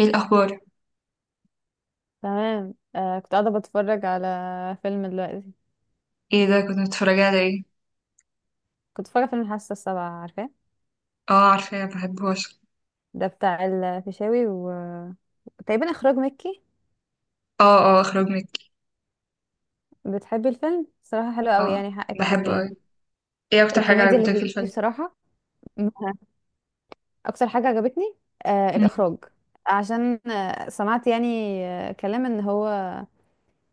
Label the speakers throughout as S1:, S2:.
S1: ايه الاخبار؟
S2: تمام، كنت قاعدة بتفرج على فيلم دلوقتي.
S1: ايه ده؟ كنت متفرجة على ايه؟
S2: كنت بتفرج على فيلم الحاسة السابعة، عارفاه؟
S1: اه، عارفاه، بحبه اصلا.
S2: ده بتاع الفيشاوي و تقريبا إخراج مكي.
S1: اه، اه، اخرج منك.
S2: بتحبي الفيلم؟ بصراحة حلو قوي،
S1: اه،
S2: يعني حقك
S1: بحبه
S2: تحبيه.
S1: اوي. ايه اكتر حاجة
S2: الكوميديا اللي
S1: عجبتك في
S2: فيه
S1: الفيلم؟
S2: بصراحة م- أكتر حاجة عجبتني،
S1: مم.
S2: الإخراج. عشان سمعت يعني كلام إن هو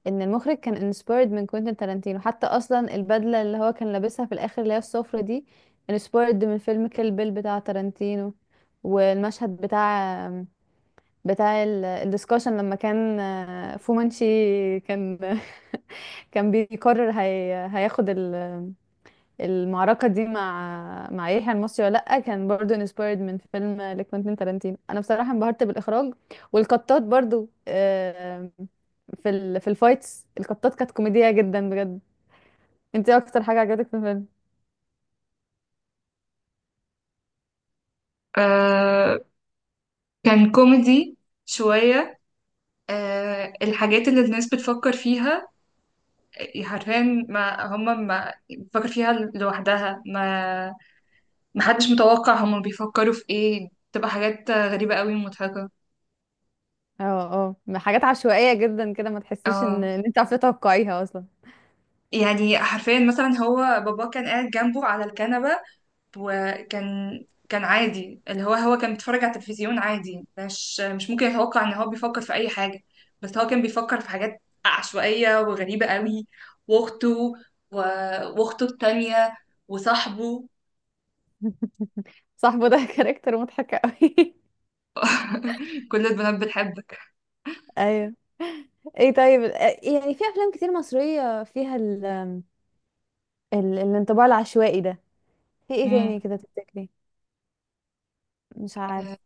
S2: ان المخرج كان انسبايرد من كوينتين تارانتينو، حتى اصلا البدله اللي هو كان لابسها في الاخر اللي هي الصفرة دي انسبايرد من فيلم كيل بيل بتاع تارانتينو. والمشهد بتاع الدسكشن لما كان فومانشي كان كان بيقرر هياخد ال المعركة دي مع يحيى المصري ولا لأ، كان برضو انسبايرد من فيلم لكوينتين تارانتينو. أنا بصراحة انبهرت بالإخراج والقطات برضو، في في الفايتس القطات كانت كوميدية جدا بجد. انت إيه أكتر حاجة عجبتك في الفيلم؟
S1: آه كان كوميدي شوية. الحاجات اللي الناس بتفكر فيها حرفيا، ما هم ما بتفكر فيها لوحدها، ما حدش متوقع هم بيفكروا في ايه، تبقى حاجات غريبة قوي ومضحكة.
S2: اه. اه حاجات عشوائية جدا كده، ما تحسيش ان
S1: اه.
S2: انت عارفة تتوقعيها أصلا.
S1: يعني حرفيا، مثلا هو بابا كان قاعد جنبه على الكنبة، وكان عادي، اللي هو كان بيتفرج على التلفزيون عادي، مش ممكن يتوقع ان هو بيفكر في اي حاجة. بس هو كان بيفكر في حاجات عشوائية وغريبة قوي. واخته و- واخته التانية وصاحبه.
S2: صاحبه ده كاركتر مضحك قوي.
S1: كل البنات بتحبك.
S2: ايوه. ايه طيب، إيه يعني في افلام كتير مصرية فيها الانطباع العشوائي ده؟ في ايه
S1: مم.
S2: تاني كده تفتكري؟ مش عارف،
S1: آه،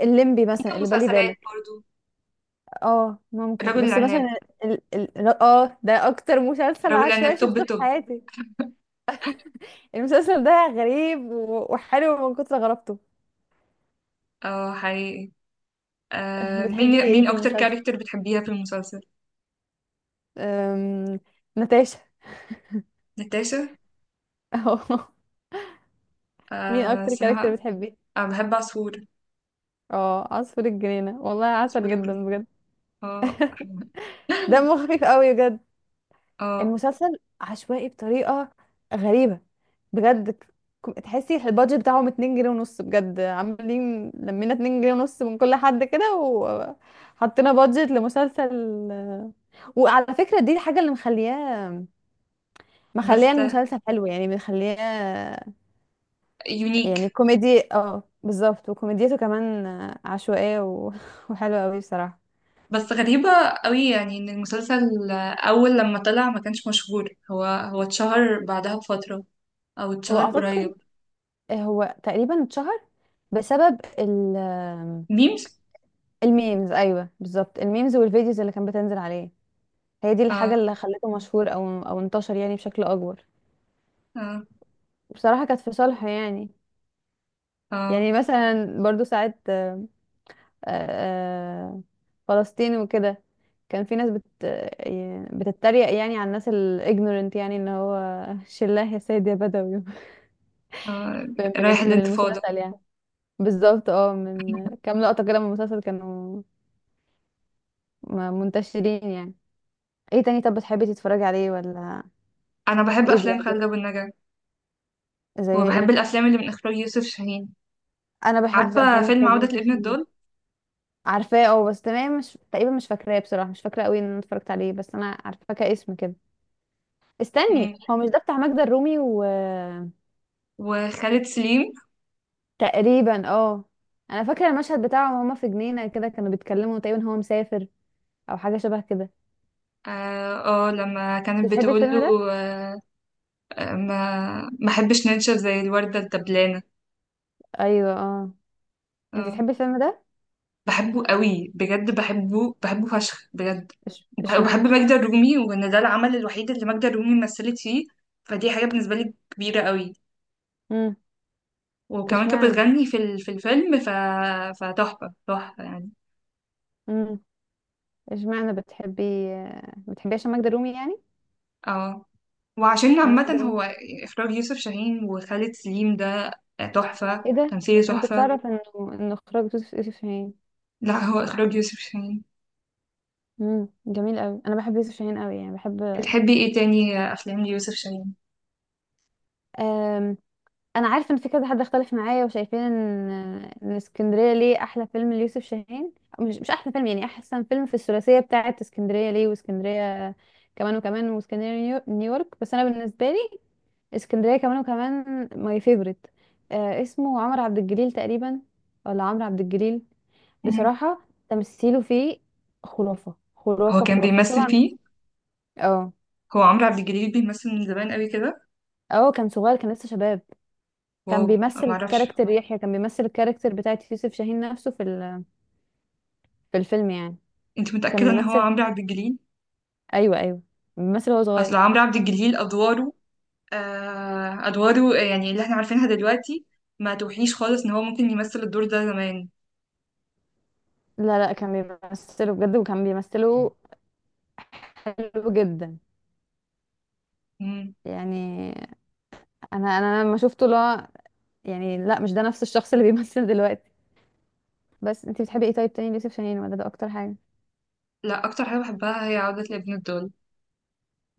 S2: الليمبي مثلا
S1: ممكن
S2: اللي بالي
S1: مسلسلات
S2: بالك.
S1: برضو.
S2: اه ممكن،
S1: الرجل
S2: بس
S1: العناب.
S2: مثلا اه ده اكتر مسلسل
S1: الرجل
S2: عشوائي
S1: العناب، توب
S2: شفته في
S1: توب.
S2: حياتي. المسلسل ده غريب وحلو من كتر غرابته.
S1: اه، حقيقي.
S2: بتحبي
S1: مين
S2: ايه
S1: مين
S2: في
S1: اكتر
S2: المسلسل؟
S1: كاركتر بتحبيها في المسلسل؟
S2: أم... نتاشا.
S1: ناتاشا.
S2: اه. مين اكتر كاركتر
S1: اسمها.
S2: بتحبيه؟
S1: بحب عصفور.
S2: اه عصفور الجنينة، والله عسل
S1: عصفور
S2: جدا
S1: الجنيه.
S2: بجد.
S1: اه.
S2: دمه خفيف قوي بجد.
S1: اه
S2: المسلسل عشوائي بطريقة غريبة بجد. تحسي البادجت بتاعهم 2 جنيه ونص بجد، عاملين لمينا 2 جنيه ونص من كل حد كده وحطينا بادجت لمسلسل. وعلى فكرة دي الحاجة اللي مخلياه،
S1: بس.
S2: مخلياه المسلسل حلو، يعني مخلياه.
S1: يونيك.
S2: يعني كوميدي، اه بالظبط، وكوميديته كمان عشوائية وحلوة قوي بصراحة.
S1: بس غريبة قوي يعني، ان المسلسل اول لما طلع ما كانش مشهور، هو اتشهر بعدها بفترة. او
S2: هو
S1: اتشهر قريب.
S2: اعتقد هو تقريبا اتشهر بسبب ال
S1: ميمز.
S2: الميمز، ايوه بالظبط الميمز والفيديوز اللي كانت بتنزل عليه. هي دي الحاجه
S1: اه،
S2: اللي خلته مشهور او او انتشر يعني بشكل اكبر.
S1: اه،
S2: بصراحه كانت في صالحه يعني.
S1: اه،
S2: يعني مثلا برضو ساعات، آه، فلسطين وكده، كان في ناس بت آه، بتتريق يعني على الناس الاجنورنت، يعني ان هو شلاه يا سيد يا بدوي.
S1: آه. رايح
S2: من
S1: الانتفاضة.
S2: المسلسل يعني. بالظبط، اه من كام لقطه كده من المسلسل كانوا منتشرين يعني. ايه تاني طب، بتحبي تتفرجي عليه ولا؟
S1: انا بحب
S2: ايه
S1: افلام خالد
S2: بيعجبك؟
S1: ابو النجا،
S2: زي
S1: وبحب
S2: ايه؟
S1: الافلام اللي من اخراج يوسف شاهين.
S2: انا بحب
S1: عارفة
S2: افلام احمد
S1: فيلم عودة
S2: يوسف
S1: لابن
S2: هندسة.
S1: الضال؟
S2: عارفاه، اه بس تمام مش تقريبا مش فاكراه بصراحه، مش فاكره قوي ان انا اتفرجت عليه، بس انا عارفاه كاسم كده.
S1: مم.
S2: استني، هو مش ده بتاع ماجدة الرومي و
S1: وخالد سليم.
S2: تقريبا اه. انا فاكره المشهد بتاعهم وهما في جنينه كده كانوا بيتكلموا، تقريبا هو مسافر او حاجه شبه كده.
S1: اه. آه، لما
S2: انت
S1: كانت
S2: بتحبي
S1: بتقول
S2: الفيلم ده؟
S1: له آه، ما احبش ننشف زي الوردة الدبلانة.
S2: ايوه اه. انت
S1: اه،
S2: بتحبي الفيلم ده؟
S1: بحبه قوي بجد، بحبه، بحبه فشخ بجد. وبحب
S2: اشمعنى؟
S1: ماجدة الرومي، وان ده العمل الوحيد اللي ماجدة الرومي مثلت فيه، فدي حاجة بالنسبة لي كبيرة قوي.
S2: امم.
S1: وكمان كانت
S2: اشمعنى؟
S1: بتغني في الفيلم فتحفة، تحفة يعني.
S2: امم. اشمعنى بتحبي؟ بتحبي عشان ماجدة الرومي يعني؟
S1: اه. وعشان
S2: يا ماجدة
S1: عامة هو
S2: الرومي.
S1: اخراج يوسف شاهين وخالد سليم ده، تحفة،
S2: ايه ده،
S1: تمثيل
S2: انا مكنتش
S1: تحفة.
S2: اعرف انه انه اخراج يوسف شاهين.
S1: لا، هو اخراج يوسف شاهين.
S2: امم، جميل قوي، انا بحب يوسف شاهين قوي، يعني بحب.
S1: بتحبي ايه تاني افلام ليوسف شاهين؟
S2: أم... انا عارفه ان في كذا حد اختلف معايا وشايفين ان ان اسكندريه ليه احلى فيلم ليوسف شاهين. مش احلى فيلم يعني، احسن فيلم في الثلاثيه بتاعه اسكندريه ليه واسكندريه كمان وكمان واسكندريه نيويورك، بس انا بالنسبه لي اسكندريه كمان وكمان ماي فيفورت. آه اسمه عمرو عبد الجليل تقريبا، ولا عمرو عبد الجليل.
S1: مم.
S2: بصراحه تمثيله فيه خرافه
S1: هو
S2: خرافه
S1: كان
S2: خرافه،
S1: بيمثل
S2: وطبعا
S1: فيه؟
S2: اه.
S1: هو عمرو عبد الجليل بيمثل من زمان قوي كده.
S2: اه كان صغير، كان لسه شباب.
S1: واو.
S2: كان
S1: ما
S2: بيمثل
S1: اعرفش.
S2: كاركتر يحيى، كان بيمثل الكاركتر بتاعت يوسف شاهين نفسه في في الفيلم يعني.
S1: انت
S2: كان
S1: متأكدة ان هو
S2: بيمثل،
S1: عمرو عبد الجليل؟
S2: ايوه ايوه بيمثل وهو
S1: اصل
S2: صغير.
S1: عمرو عبد الجليل ادواره، ادواره يعني اللي احنا عارفينها دلوقتي، ما توحيش خالص ان هو ممكن يمثل الدور ده زمان.
S2: لا لا كان بيمثله بجد، وكان بيمثله حلو جدا
S1: مم.
S2: يعني. انا لما شفته، لا يعني لا مش ده نفس الشخص اللي بيمثل دلوقتي. بس انت بتحبي ايه طيب تاني ليوسف شاهين ولا ده اكتر حاجه؟
S1: لا، اكتر حاجة بحبها هي عودة لابن الدول.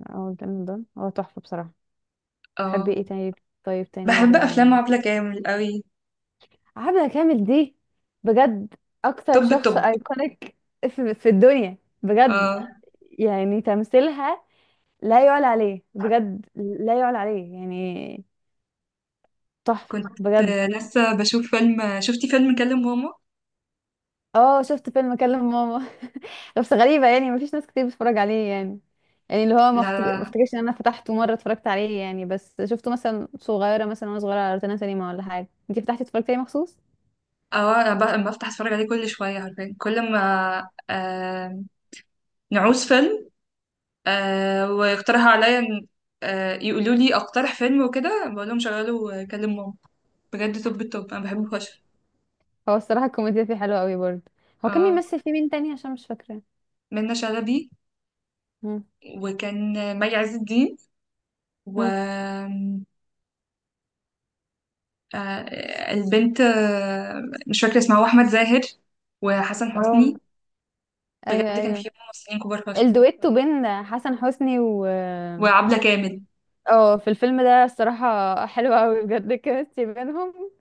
S2: او الفيلم ده هو تحفه بصراحه. بتحبي
S1: اه.
S2: ايه تاني؟ طيب تاني
S1: بحب افلام
S2: لل
S1: عبلة كامل قوي.
S2: عبلة كامل دي بجد اكتر
S1: طب
S2: شخص
S1: الطب.
S2: ايكونيك في, في الدنيا بجد
S1: اه،
S2: يعني. تمثيلها لا يعلى عليه بجد، لا يعلى عليه يعني، تحفه
S1: كنت
S2: بجد.
S1: لسه بشوف فيلم. شفتي فيلم كلم ماما؟
S2: اه شفت فيلم كلم ماما. بس غريبة يعني مفيش ناس كتير بتتفرج عليه يعني، يعني اللي هو
S1: لا،
S2: ما
S1: لا.
S2: افتكرش ان انا فتحته مرة اتفرجت عليه يعني، بس شفته مثلا صغيرة، مثلا وانا صغيرة على روتانا سينما ولا حاجة. انتي فتحتي اتفرجتي عليه مخصوص؟
S1: اه، انا بفتح اتفرج عليه كل شوية، عارفين كل ما نعوز فيلم، ويقترحوا عليا يقولوا لي اقترح فيلم وكده، بقول لهم شغلوا كلم ماما. بجد توب التوب، انا بحبه فشخ.
S2: هو الصراحة الكوميديا فيه حلوة قوي برضه. هو كان
S1: اه.
S2: بيمثل فيه مين تاني؟ عشان مش فاكرة.
S1: منة شلبي.
S2: مم.
S1: وكان مي عز الدين و
S2: مم.
S1: آه البنت، مش فاكره اسمها، واحمد زاهر وحسن
S2: اه.
S1: حسني.
S2: ايوه
S1: بجد كان
S2: ايوه.
S1: في ممثلين كبار فشخ.
S2: الدويتو بين حسن حسني و
S1: وعبلة كامل.
S2: اه في الفيلم ده الصراحة حلوة قوي بجد، الكيمستري بينهم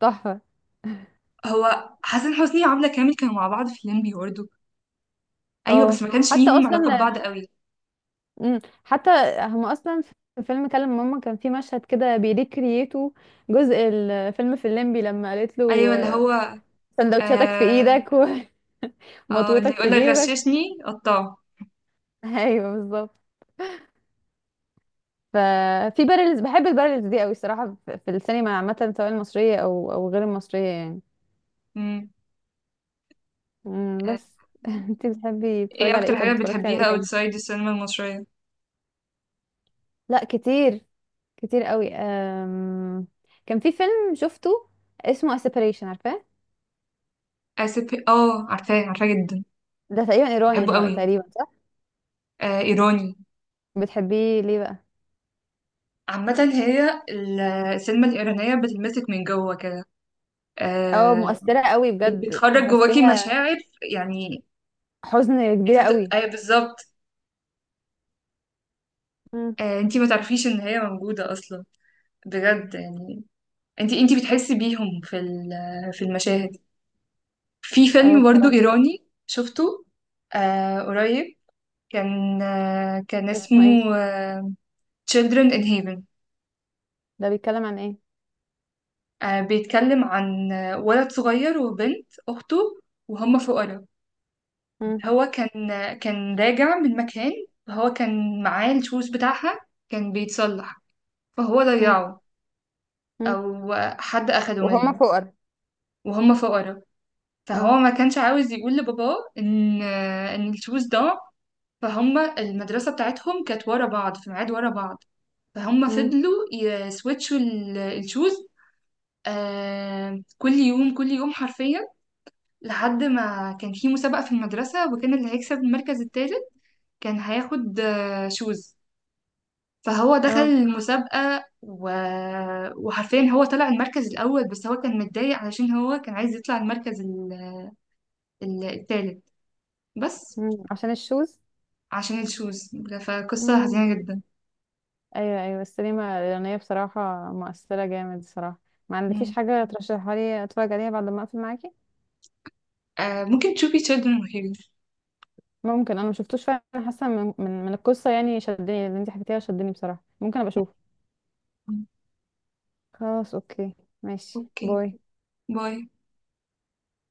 S2: تحفة.
S1: هو حسن حسني وعبلة كامل كانوا مع بعض في الليمبي برضه. ايوه بس
S2: اه
S1: ما كانش
S2: حتى
S1: ليهم علاقه
S2: اصلا
S1: ببعض قوي.
S2: حتى هم اصلا في فيلم كلم ماما كان في مشهد كده بيريكرييتو جزء الفيلم في الليمبي لما قالت له
S1: ايوه، اللي هو
S2: سندوتشاتك في
S1: آه،
S2: ايدك
S1: اه اللي
S2: ومطوتك في
S1: يقولك
S2: جيبك.
S1: غششني قطعه.
S2: ايوه بالظبط. ففي بارلز، بحب البارلز دي قوي الصراحه، في السينما عامه سواء المصريه او او غير المصريه يعني.
S1: امم.
S2: مم،
S1: آه،
S2: بس. انت بتحبي
S1: ايه
S2: تتفرجي على ايه؟
S1: اكتر
S2: طب
S1: حاجة
S2: اتفرجتي على
S1: بتحبيها
S2: ايه تاني؟
S1: اوتسايد السينما المصرية؟
S2: لا كتير، كتير قوي. كان في فيلم شفته اسمه A Separation عارفاه؟
S1: اسف، اه عارفاه، عارفاه جدا.
S2: ده تقريبا ايراني،
S1: بحبه قوي.
S2: تقريبا.
S1: ايراني.
S2: بتحبيه ليه بقى؟
S1: عامة هي السينما الإيرانية بتلمسك من جوه كده.
S2: اه
S1: آه
S2: مؤثرة قوي بجد
S1: بتخرج جواكي
S2: تحسيها
S1: مشاعر يعني.
S2: حزن كبيرة قوي.
S1: ايوه بالظبط.
S2: مم.
S1: انت ما تعرفيش ان هي موجودة اصلا، بجد يعني. انت بتحسي بيهم في المشاهد. في
S2: اه
S1: فيلم برضو
S2: بصراحة.
S1: إيراني شفته قريب. كان
S2: اسمه ايه؟
S1: اسمه Children in Heaven.
S2: ده بيتكلم عن ايه؟
S1: بيتكلم عن ولد صغير وبنت أخته، وهم فقراء.
S2: مم.
S1: هو كان راجع من مكان، فهو كان معاه الشوز بتاعها، كان بيتصلح، فهو
S2: مم.
S1: ضيعه.
S2: مم.
S1: أو حد أخده
S2: وهما
S1: منه.
S2: فقر.
S1: وهم فقراء، فهو
S2: اه.
S1: ما كانش عاوز يقول لباباه إن الشوز ضاع. فهم المدرسة بتاعتهم كانت ورا بعض، في ميعاد ورا بعض، فهم
S2: مم.
S1: فضلوا يسويتشوا الشوز. كل يوم، كل يوم حرفيا. لحد ما كان في مسابقة في المدرسة، وكان اللي هيكسب المركز التالت كان هياخد شوز. فهو دخل
S2: اه.
S1: المسابقة وحرفيا هو طلع المركز الأول، بس هو كان متضايق علشان هو كان عايز يطلع المركز التالت، بس.
S2: مم. عشان الشوز.
S1: عشان الشوز. فقصة
S2: مم.
S1: حزينة جدا.
S2: ايوه ايوه السينما الإيرانية بصراحة مؤثرة جامد صراحة. ما عندكيش
S1: مم.
S2: حاجة ترشحها لي اتفرج عليها بعد ما اقفل معاكي؟
S1: ممكن تشوفي Children of Heroes.
S2: ممكن، انا ما شفتوش فعلا، حاسة من القصة يعني شدني، اللي انت حكيتيها شدني بصراحة، ممكن ابقى اشوف.
S1: مم.
S2: خلاص اوكي، ماشي
S1: اوكي،
S2: باي.
S1: باي.